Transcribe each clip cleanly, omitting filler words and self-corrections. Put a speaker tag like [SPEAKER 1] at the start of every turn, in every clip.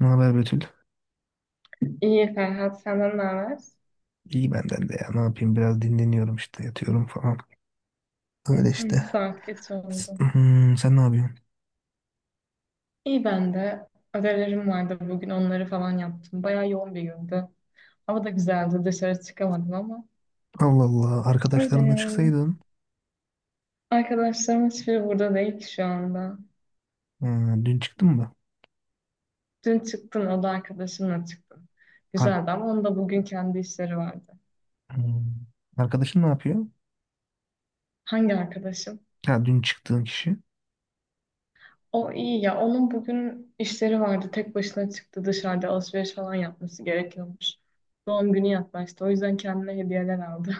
[SPEAKER 1] Ne haber, Betül?
[SPEAKER 2] İyi Ferhat, senden ne haber?
[SPEAKER 1] İyi benden de ya. Ne yapayım? Biraz dinleniyorum işte. Yatıyorum falan. Öyle işte.
[SPEAKER 2] Saat geç oldu.
[SPEAKER 1] Sen ne yapıyorsun?
[SPEAKER 2] İyi ben de. Ödevlerim vardı bugün onları falan yaptım. Bayağı yoğun bir gündü. Hava da güzeldi dışarı çıkamadım ama.
[SPEAKER 1] Allah Allah.
[SPEAKER 2] Öyle
[SPEAKER 1] Arkadaşlarınla
[SPEAKER 2] yani.
[SPEAKER 1] çıksaydın.
[SPEAKER 2] Arkadaşlarım hiçbiri burada değil ki şu anda.
[SPEAKER 1] Ha, dün çıktın mı?
[SPEAKER 2] Dün çıktım o da arkadaşımla çıktım.
[SPEAKER 1] Ar
[SPEAKER 2] Güzeldi ama onun da bugün kendi işleri vardı.
[SPEAKER 1] Hmm. Arkadaşın ne yapıyor?
[SPEAKER 2] Hangi arkadaşım?
[SPEAKER 1] Ya, dün çıktığın kişi.
[SPEAKER 2] O iyi ya onun bugün işleri vardı. Tek başına çıktı dışarıda alışveriş falan yapması gerekiyormuş. Doğum günü yaklaştı. O yüzden kendine hediyeler aldı.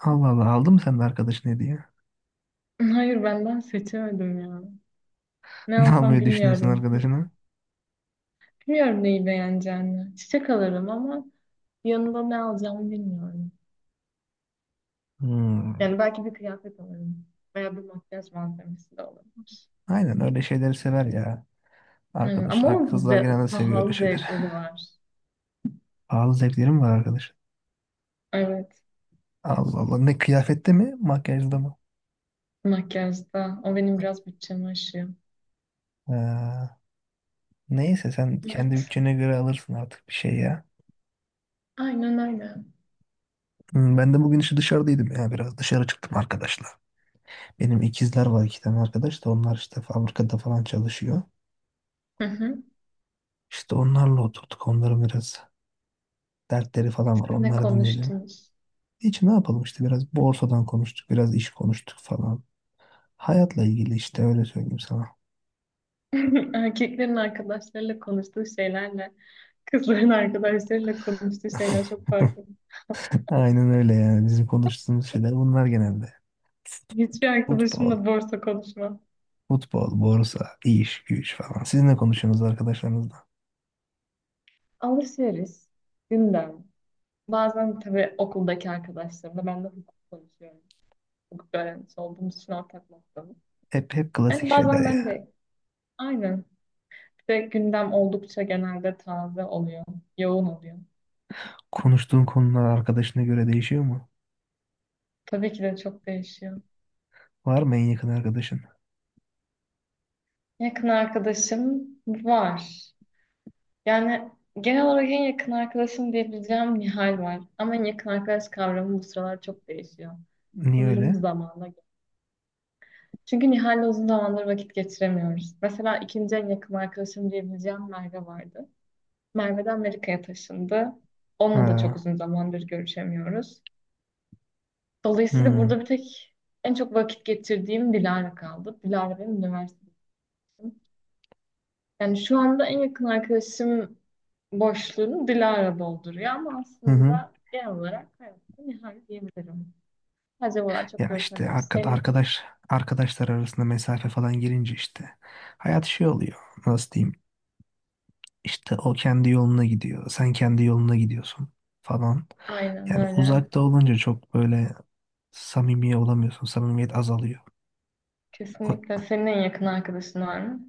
[SPEAKER 1] Allah Allah. Aldın mı sen de arkadaşın hediye?
[SPEAKER 2] Hayır benden seçemedim ya. Ne
[SPEAKER 1] Ne
[SPEAKER 2] alsam
[SPEAKER 1] almayı düşünüyorsun
[SPEAKER 2] bilmiyorum.
[SPEAKER 1] arkadaşına?
[SPEAKER 2] Bilmiyorum neyi beğeneceğini. Çiçek alırım ama yanında ne alacağımı bilmiyorum.
[SPEAKER 1] Hmm.
[SPEAKER 2] Yani belki bir kıyafet alırım. Veya bir makyaj malzemesi de olabilir.
[SPEAKER 1] Aynen, öyle şeyleri sever ya.
[SPEAKER 2] Aynen.
[SPEAKER 1] Arkadaş.
[SPEAKER 2] Ama onun
[SPEAKER 1] Kızlar genelde seviyor öyle
[SPEAKER 2] pahalı
[SPEAKER 1] şeyler.
[SPEAKER 2] zevkleri var.
[SPEAKER 1] Pahalı zevklerim var arkadaş.
[SPEAKER 2] Evet.
[SPEAKER 1] Allah Allah. Ne, kıyafette mi? Makyajda mı?
[SPEAKER 2] Makyajda. O benim biraz bütçemi aşıyor.
[SPEAKER 1] Ha. Neyse, sen kendi
[SPEAKER 2] Evet.
[SPEAKER 1] bütçene göre alırsın artık bir şey ya.
[SPEAKER 2] Aynen öyle.
[SPEAKER 1] Ben de bugün işte dışarıdaydım ya, biraz dışarı çıktım arkadaşla. Benim ikizler var, iki tane arkadaş da onlar işte fabrikada falan çalışıyor.
[SPEAKER 2] Hı hı.
[SPEAKER 1] İşte onlarla oturduk, onların biraz dertleri falan var,
[SPEAKER 2] Siz ne
[SPEAKER 1] onları dinledim.
[SPEAKER 2] konuştunuz?
[SPEAKER 1] Hiç, ne yapalım işte, biraz borsadan konuştuk, biraz iş konuştuk falan. Hayatla ilgili işte, öyle söyleyeyim sana.
[SPEAKER 2] Erkeklerin arkadaşlarıyla konuştuğu şeylerle kızların arkadaşlarıyla konuştuğu şeyler çok farklı.
[SPEAKER 1] Aynen öyle yani, bizim konuştuğumuz şeyler bunlar genelde.
[SPEAKER 2] Hiçbir
[SPEAKER 1] Futbol,
[SPEAKER 2] arkadaşımla borsa konuşmam.
[SPEAKER 1] futbol, borsa, iş, güç falan. Siz ne konuşuyorsunuz arkadaşlarınızla?
[SPEAKER 2] Alışveriş, gündem. Bazen tabii okuldaki arkadaşlarımla ben de hukuk konuşuyorum. Hukuk öğrencisi olduğumuz için ortak noktamız.
[SPEAKER 1] Hep klasik
[SPEAKER 2] Yani
[SPEAKER 1] şeyler
[SPEAKER 2] bazen ben
[SPEAKER 1] ya.
[SPEAKER 2] de aynen. Bir de gündem oldukça genelde taze oluyor. Yoğun oluyor.
[SPEAKER 1] Konuştuğun konular arkadaşına göre değişiyor mu?
[SPEAKER 2] Tabii ki de çok değişiyor.
[SPEAKER 1] Var mı en yakın arkadaşın?
[SPEAKER 2] Yakın arkadaşım var. Yani genel olarak en yakın arkadaşım diyebileceğim Nihal var. Ama en yakın arkadaş kavramı bu sıralar çok değişiyor.
[SPEAKER 1] Niye
[SPEAKER 2] Sanırım
[SPEAKER 1] öyle?
[SPEAKER 2] zamanla. Çünkü Nihal'le uzun zamandır vakit geçiremiyoruz. Mesela ikinci en yakın arkadaşım diyebileceğim Merve vardı. Merve de Amerika'ya taşındı. Onunla da çok
[SPEAKER 1] Ha.
[SPEAKER 2] uzun zamandır görüşemiyoruz. Dolayısıyla
[SPEAKER 1] Hmm,
[SPEAKER 2] burada bir tek en çok vakit geçirdiğim Dilara kaldı. Dilara benim üniversitedeyim. Yani şu anda en yakın arkadaşım boşluğunu Dilara dolduruyor ama
[SPEAKER 1] hı hı.
[SPEAKER 2] aslında genel olarak hayatta Nihal diyebilirim. Sadece bu çok
[SPEAKER 1] Ya işte
[SPEAKER 2] görüşemiyoruz.
[SPEAKER 1] arkadaşlar arasında mesafe falan girince işte hayat şey oluyor. Nasıl diyeyim? İşte o kendi yoluna gidiyor. Sen kendi yoluna gidiyorsun falan.
[SPEAKER 2] Aynen
[SPEAKER 1] Yani
[SPEAKER 2] öyle.
[SPEAKER 1] uzakta olunca çok böyle samimi olamıyorsun. Samimiyet azalıyor.
[SPEAKER 2] Kesinlikle.
[SPEAKER 1] O,
[SPEAKER 2] Senin en yakın arkadaşın var mı?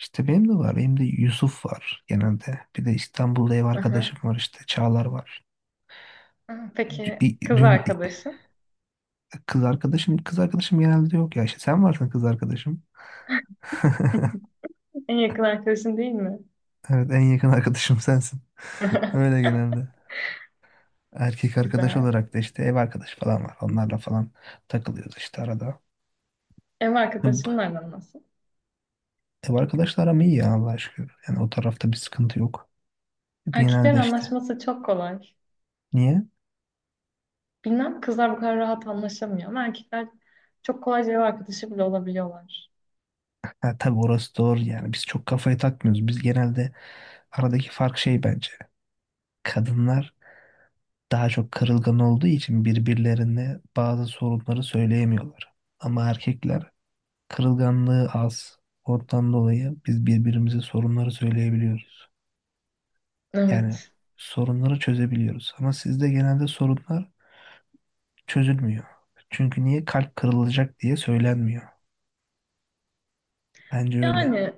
[SPEAKER 1] işte benim de var. Benim de Yusuf var genelde. Bir de İstanbul'da ev
[SPEAKER 2] Aha.
[SPEAKER 1] arkadaşım var işte. Çağlar var.
[SPEAKER 2] Aha. Peki
[SPEAKER 1] Dü-
[SPEAKER 2] kız
[SPEAKER 1] dün
[SPEAKER 2] arkadaşın?
[SPEAKER 1] Kız arkadaşım genelde yok ya, işte sen varsın kız arkadaşım.
[SPEAKER 2] En yakın arkadaşın değil mi?
[SPEAKER 1] Evet, en yakın arkadaşım sensin. Öyle genelde. Erkek arkadaş
[SPEAKER 2] Güzel.
[SPEAKER 1] olarak da işte ev arkadaşı falan var. Onlarla falan takılıyoruz işte arada.
[SPEAKER 2] Ev arkadaşının aran nasıl?
[SPEAKER 1] Ev arkadaşlarım iyi ya, Allah'a şükür. Yani o tarafta bir sıkıntı yok.
[SPEAKER 2] Erkeklerin
[SPEAKER 1] Genelde işte.
[SPEAKER 2] anlaşması çok kolay.
[SPEAKER 1] Niye?
[SPEAKER 2] Bilmem kızlar bu kadar rahat anlaşamıyor ama erkekler çok kolayca ev arkadaşı bile olabiliyorlar.
[SPEAKER 1] Ha, tabii orası doğru yani. Biz çok kafayı takmıyoruz. Biz genelde aradaki fark şey bence. Kadınlar daha çok kırılgan olduğu için birbirlerine bazı sorunları söyleyemiyorlar. Ama erkekler kırılganlığı az. Ondan dolayı biz birbirimize sorunları söyleyebiliyoruz. Yani
[SPEAKER 2] Evet.
[SPEAKER 1] sorunları çözebiliyoruz. Ama sizde genelde sorunlar çözülmüyor. Çünkü niye kalp kırılacak diye söylenmiyor. Bence öyle.
[SPEAKER 2] Yani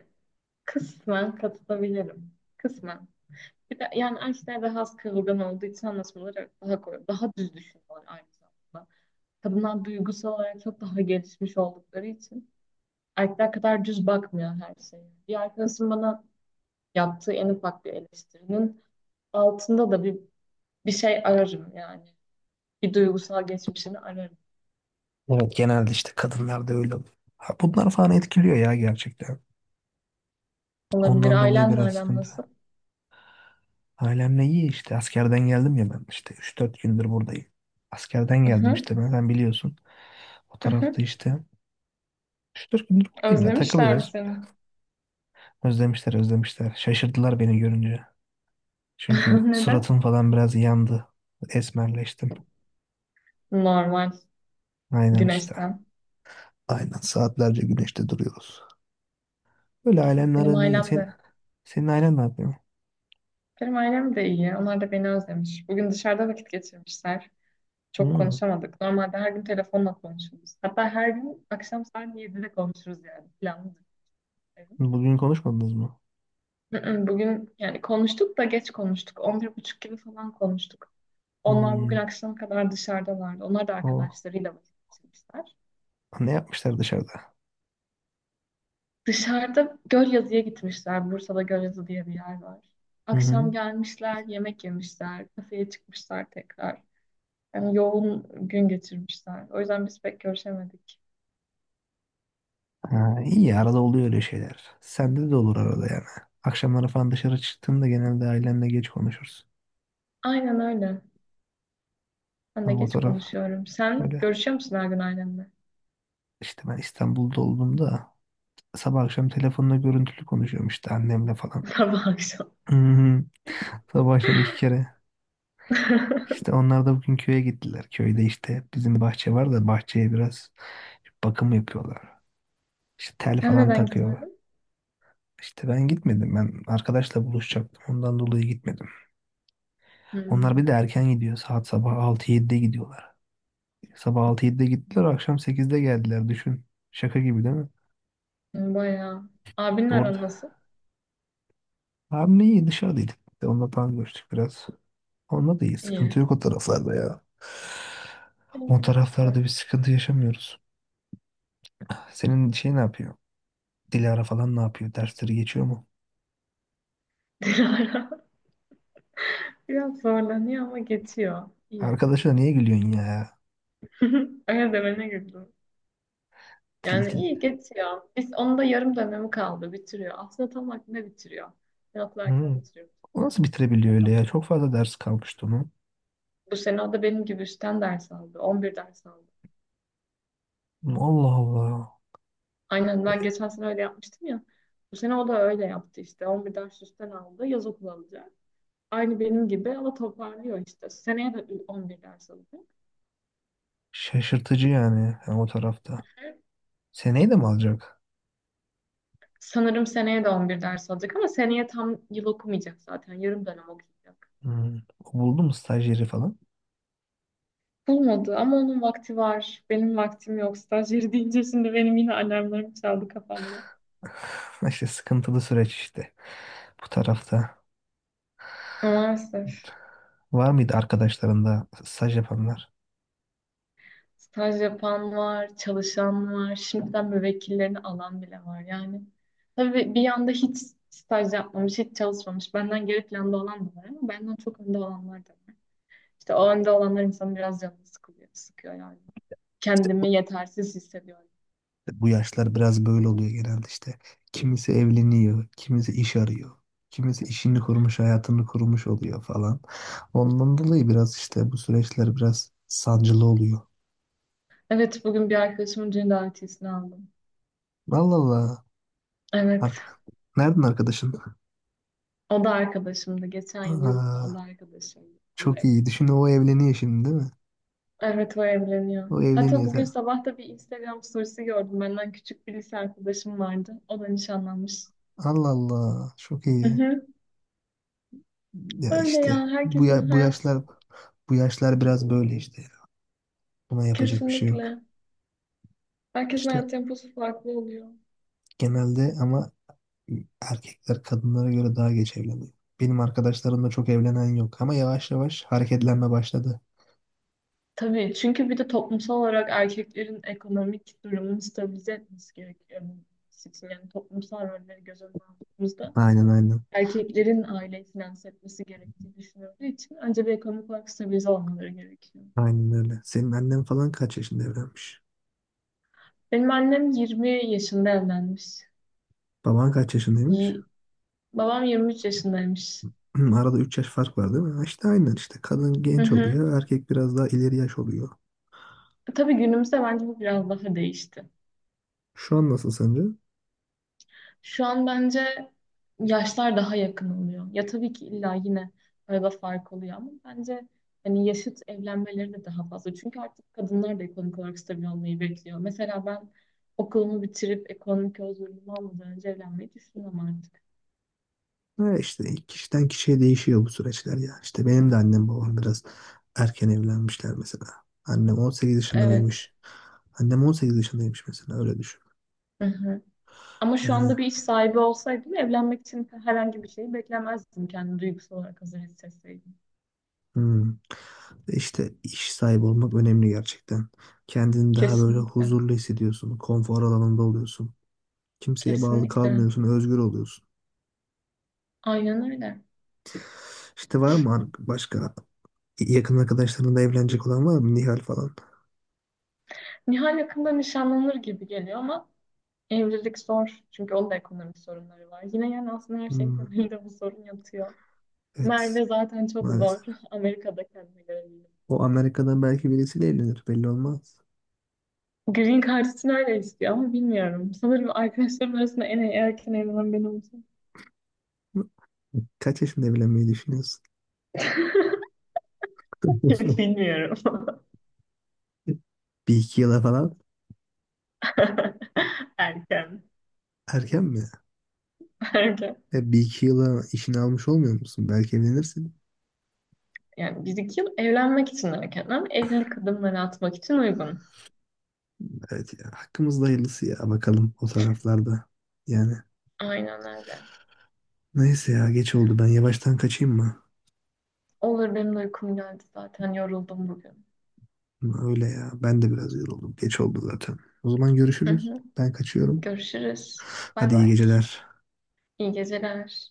[SPEAKER 2] kısmen katılabilirim. Kısmen. Bir de yani erkekler daha az kırılgan olduğu için anlaşmaları daha kolay, daha düz düşünüyorlar aynı zamanda. Kadınlar duygusal olarak çok daha gelişmiş oldukları için erkekler kadar düz bakmıyor her şeye. Bir arkadaşım bana yaptığı en ufak bir eleştirinin altında da bir şey ararım yani. Bir duygusal geçmişini ararım.
[SPEAKER 1] Evet, genelde işte kadınlarda öyle oluyor. Ha, bunlar falan etkiliyor ya, gerçekten.
[SPEAKER 2] Olabilir.
[SPEAKER 1] Ondan dolayı
[SPEAKER 2] Ailenle
[SPEAKER 1] biraz
[SPEAKER 2] aran
[SPEAKER 1] sıkıntı.
[SPEAKER 2] nasıl?
[SPEAKER 1] Ailemle iyi, işte askerden geldim ya ben, işte 3-4 gündür buradayım. Askerden
[SPEAKER 2] Hı
[SPEAKER 1] geldim
[SPEAKER 2] hı.
[SPEAKER 1] işte ben, sen biliyorsun. O
[SPEAKER 2] Hı hı.
[SPEAKER 1] tarafta işte 3-4 gündür buradayım ya,
[SPEAKER 2] Özlemişler mi
[SPEAKER 1] takılıyoruz.
[SPEAKER 2] seni?
[SPEAKER 1] Özlemişler, özlemişler. Şaşırdılar beni görünce. Çünkü
[SPEAKER 2] Neden?
[SPEAKER 1] suratım falan biraz yandı. Esmerleştim.
[SPEAKER 2] Normal.
[SPEAKER 1] Aynen işte.
[SPEAKER 2] Güneşten.
[SPEAKER 1] Aynen, saatlerce güneşte duruyoruz. Böyle ailemle
[SPEAKER 2] Benim
[SPEAKER 1] aram iyi.
[SPEAKER 2] ailem
[SPEAKER 1] Sen,
[SPEAKER 2] de.
[SPEAKER 1] senin ailen ne yapıyor?
[SPEAKER 2] Benim ailem de iyi. Onlar da beni özlemiş. Bugün dışarıda vakit geçirmişler. Çok
[SPEAKER 1] Hmm.
[SPEAKER 2] konuşamadık. Normalde her gün telefonla konuşuruz. Hatta her gün akşam saat 7'de konuşuruz yani. Planlıdır.
[SPEAKER 1] Bugün konuşmadınız mı?
[SPEAKER 2] Hı-hı. Bugün yani konuştuk da geç konuştuk. 11.30 gibi falan konuştuk. Onlar bugün
[SPEAKER 1] Hmm.
[SPEAKER 2] akşama kadar dışarıdalardı. Onlar da
[SPEAKER 1] O,
[SPEAKER 2] arkadaşlarıyla vakit geçirmişler.
[SPEAKER 1] ne yapmışlar dışarıda?
[SPEAKER 2] Dışarıda Gölyazı'ya gitmişler. Bursa'da Gölyazı diye bir yer var.
[SPEAKER 1] Hı
[SPEAKER 2] Akşam
[SPEAKER 1] hı.
[SPEAKER 2] gelmişler, yemek yemişler, kafeye çıkmışlar tekrar. Yani yoğun gün geçirmişler. O yüzden biz pek görüşemedik.
[SPEAKER 1] Ha, iyi ya, arada oluyor öyle şeyler. Sende de olur arada yani. Akşamları falan dışarı çıktığımda genelde ailemle geç konuşuruz.
[SPEAKER 2] Aynen öyle. Ben de
[SPEAKER 1] Ama o
[SPEAKER 2] geç
[SPEAKER 1] taraf
[SPEAKER 2] konuşuyorum. Sen
[SPEAKER 1] öyle.
[SPEAKER 2] görüşüyor musun her gün ailenle?
[SPEAKER 1] İşte ben İstanbul'da olduğumda sabah akşam telefonla görüntülü konuşuyorum işte annemle falan.
[SPEAKER 2] Sabah akşam.
[SPEAKER 1] Hı hı. Sabah akşam iki kere. İşte onlar da bugün köye gittiler. Köyde işte bizim bahçe var da bahçeye biraz bakım yapıyorlar. İşte tel
[SPEAKER 2] Sen
[SPEAKER 1] falan
[SPEAKER 2] neden
[SPEAKER 1] takıyorlar.
[SPEAKER 2] gitmedin?
[SPEAKER 1] İşte ben gitmedim. Ben arkadaşla buluşacaktım. Ondan dolayı gitmedim. Onlar
[SPEAKER 2] Hmm.
[SPEAKER 1] bir de erken gidiyor. Saat sabah altı 7de gidiyorlar. Sabah altı 7de gittiler, akşam 8'de geldiler. Düşün. Şaka gibi değil mi?
[SPEAKER 2] Bayağı. Abinin
[SPEAKER 1] Orada.
[SPEAKER 2] aran nasıl?
[SPEAKER 1] Abi iyi, dışarıdaydık. Bir de onunla falan görüştük biraz. Onunla da iyi.
[SPEAKER 2] İyi.
[SPEAKER 1] Sıkıntı yok o taraflarda ya. O
[SPEAKER 2] Evet,
[SPEAKER 1] taraflarda
[SPEAKER 2] süper.
[SPEAKER 1] bir sıkıntı yaşamıyoruz. Senin şey ne yapıyor? Dilara falan ne yapıyor? Dersleri geçiyor mu?
[SPEAKER 2] Dilara biraz zorlanıyor ama geçiyor. İyi.
[SPEAKER 1] Arkadaşına niye gülüyorsun ya?
[SPEAKER 2] Öyle demene güldüm.
[SPEAKER 1] Dil
[SPEAKER 2] Yani
[SPEAKER 1] dil.
[SPEAKER 2] iyi geçiyor. Biz onun da yarım dönemi kaldı. Bitiriyor. Aslında tam vaktinde bitiriyor. Yatlarken
[SPEAKER 1] Hı.
[SPEAKER 2] bitiriyor.
[SPEAKER 1] O nasıl bitirebiliyor öyle ya? Çok fazla ders kalmıştı onun.
[SPEAKER 2] Bu sene o da benim gibi üstten ders aldı. 11 ders aldı.
[SPEAKER 1] Allah Allah.
[SPEAKER 2] Aynen
[SPEAKER 1] E,
[SPEAKER 2] ben geçen sene öyle yapmıştım ya. Bu sene o da öyle yaptı işte. 11 ders üstten aldı. Yaz okulu alacak. Aynı benim gibi ama toparlıyor işte. Seneye de 11 ders alacak.
[SPEAKER 1] Şaşırtıcı yani, yani o tarafta. Seneyi de mi alacak?
[SPEAKER 2] Sanırım seneye de 11 ders alacak ama seneye tam yıl okumayacak zaten. Yarım dönem okuyacak.
[SPEAKER 1] Hmm. O buldu mu stajyeri falan?
[SPEAKER 2] Bulmadı ama onun vakti var. Benim vaktim yok. Stajyeri deyince şimdi benim yine alarmlarım çaldı kafamda.
[SPEAKER 1] İşte sıkıntılı süreç işte bu tarafta.
[SPEAKER 2] Maalesef.
[SPEAKER 1] Var mıydı arkadaşlarında staj yapanlar?
[SPEAKER 2] Staj yapan var, çalışan var. Şimdiden müvekkillerini alan bile var yani. Tabii bir yanda hiç staj yapmamış, hiç çalışmamış. Benden geri planda olan da var ama benden çok önde olanlar da var. İşte o önde olanlar insanı biraz canını sıkılıyor, sıkıyor yani.
[SPEAKER 1] İşte bu
[SPEAKER 2] Kendimi yetersiz hissediyorum.
[SPEAKER 1] bu yaşlar biraz böyle oluyor genelde işte. Kimisi evleniyor, kimisi iş arıyor. Kimisi işini kurmuş, hayatını kurmuş oluyor falan. Ondan dolayı biraz işte bu süreçler biraz sancılı oluyor.
[SPEAKER 2] Evet bugün bir arkadaşımın düğün davetiyesini aldım.
[SPEAKER 1] Allah Allah.
[SPEAKER 2] Evet.
[SPEAKER 1] Arka... Nereden arkadaşın?
[SPEAKER 2] O da arkadaşımdı. Geçen yıl yurtta o
[SPEAKER 1] Aa,
[SPEAKER 2] da arkadaşımdı. Bu yıl
[SPEAKER 1] çok iyi.
[SPEAKER 2] evleniyor.
[SPEAKER 1] Düşün, o evleniyor şimdi değil mi?
[SPEAKER 2] Evet o evleniyor.
[SPEAKER 1] O
[SPEAKER 2] Hatta
[SPEAKER 1] evleniyor.
[SPEAKER 2] bugün sabah da bir Instagram storiesi gördüm. Benden küçük bir lise arkadaşım vardı. O da nişanlanmış.
[SPEAKER 1] Allah Allah. Çok
[SPEAKER 2] Hı
[SPEAKER 1] iyi.
[SPEAKER 2] hı.
[SPEAKER 1] Ya
[SPEAKER 2] Öyle
[SPEAKER 1] işte
[SPEAKER 2] ya.
[SPEAKER 1] bu
[SPEAKER 2] Herkesin
[SPEAKER 1] ya, bu
[SPEAKER 2] hayat
[SPEAKER 1] yaşlar bu yaşlar biraz böyle işte. Buna yapacak bir şey yok.
[SPEAKER 2] Kesinlikle. Herkesin
[SPEAKER 1] İşte
[SPEAKER 2] hayat temposu farklı oluyor.
[SPEAKER 1] genelde ama erkekler kadınlara göre daha geç evleniyor. Benim arkadaşlarımda çok evlenen yok ama yavaş yavaş hareketlenme başladı.
[SPEAKER 2] Tabii çünkü bir de toplumsal olarak erkeklerin ekonomik durumunu stabilize etmesi gerekiyor. Yani toplumsal rolleri göz önüne aldığımızda
[SPEAKER 1] Aynen, aynen.
[SPEAKER 2] erkeklerin aileyi finanse etmesi gerektiği düşünüldüğü için önce bir ekonomik olarak stabilize olmaları gerekiyor.
[SPEAKER 1] Aynen öyle. Senin annen falan kaç yaşında evlenmiş?
[SPEAKER 2] Benim annem 20 yaşında evlenmiş.
[SPEAKER 1] Baban kaç yaşındaymış?
[SPEAKER 2] Yi- Babam 23 yaşındaymış.
[SPEAKER 1] Arada 3 yaş fark var değil mi? Ha, İşte aynen işte. Kadın
[SPEAKER 2] Hı
[SPEAKER 1] genç
[SPEAKER 2] hı.
[SPEAKER 1] oluyor, erkek biraz daha ileri yaş oluyor.
[SPEAKER 2] Tabii günümüzde bence bu biraz daha değişti.
[SPEAKER 1] Şu an nasıl sence?
[SPEAKER 2] Şu an bence yaşlar daha yakın oluyor. Ya tabii ki illa yine arada fark oluyor ama bence hani yaşıt evlenmeleri de daha fazla. Çünkü artık kadınlar da ekonomik olarak stabil olmayı bekliyor. Mesela ben okulumu bitirip ekonomik özgürlüğümü almadan önce evlenmeyi düşünmem artık.
[SPEAKER 1] Öyle işte, kişiden kişiye değişiyor bu süreçler ya. İşte benim de annem babam biraz erken evlenmişler mesela. Annem 18
[SPEAKER 2] Evet.
[SPEAKER 1] yaşındaymış. Annem 18 yaşındaymış mesela, öyle düşün.
[SPEAKER 2] Hı hı. Ama şu
[SPEAKER 1] Yani
[SPEAKER 2] anda bir iş sahibi olsaydım evlenmek için herhangi bir şeyi beklemezdim kendimi duygusal olarak hazır hissetseydim.
[SPEAKER 1] hmm, işte iş sahibi olmak önemli gerçekten. Kendini daha böyle
[SPEAKER 2] Kesinlikle.
[SPEAKER 1] huzurlu hissediyorsun. Konfor alanında oluyorsun. Kimseye bağlı
[SPEAKER 2] Kesinlikle.
[SPEAKER 1] kalmıyorsun. Özgür oluyorsun.
[SPEAKER 2] Aynen öyle.
[SPEAKER 1] İşte var mı başka yakın arkadaşlarında evlenecek olan var mı? Nihal falan.
[SPEAKER 2] Nihal yakında nişanlanır gibi geliyor ama evlilik zor. Çünkü onun da ekonomik sorunları var. Yine yani aslında her şeyin
[SPEAKER 1] Hmm,
[SPEAKER 2] temelinde bu sorun yatıyor.
[SPEAKER 1] evet,
[SPEAKER 2] Merve zaten çok
[SPEAKER 1] maalesef.
[SPEAKER 2] zor. Amerika'da kendine göre bir yol.
[SPEAKER 1] O Amerika'dan belki birisiyle evlenir, belli olmaz.
[SPEAKER 2] Green Card için öyle istiyor ama bilmiyorum. Sanırım arkadaşlarım arasında en erken evlenen ben olacağım.
[SPEAKER 1] Kaç yaşında evlenmeyi düşünüyorsun?
[SPEAKER 2] Bilmiyorum.
[SPEAKER 1] 1-2 yıla falan.
[SPEAKER 2] Erken.
[SPEAKER 1] Erken mi?
[SPEAKER 2] Erken.
[SPEAKER 1] 1-2 yıla işini almış olmuyor musun? Belki evlenirsin.
[SPEAKER 2] Yani bir iki yıl evlenmek için erken ama evlilik adımları atmak için uygun.
[SPEAKER 1] Evet ya, hakkımızda hayırlısı ya, bakalım o taraflarda. Yani
[SPEAKER 2] Aynen öyle.
[SPEAKER 1] neyse ya, geç oldu, ben yavaştan kaçayım mı?
[SPEAKER 2] Olur benim de uykum geldi zaten yoruldum bugün.
[SPEAKER 1] Öyle ya, ben de biraz yoruldum, geç oldu zaten. O zaman
[SPEAKER 2] Hı
[SPEAKER 1] görüşürüz.
[SPEAKER 2] hı.
[SPEAKER 1] Ben kaçıyorum.
[SPEAKER 2] Görüşürüz. Bay
[SPEAKER 1] Hadi iyi
[SPEAKER 2] bay.
[SPEAKER 1] geceler.
[SPEAKER 2] İyi geceler.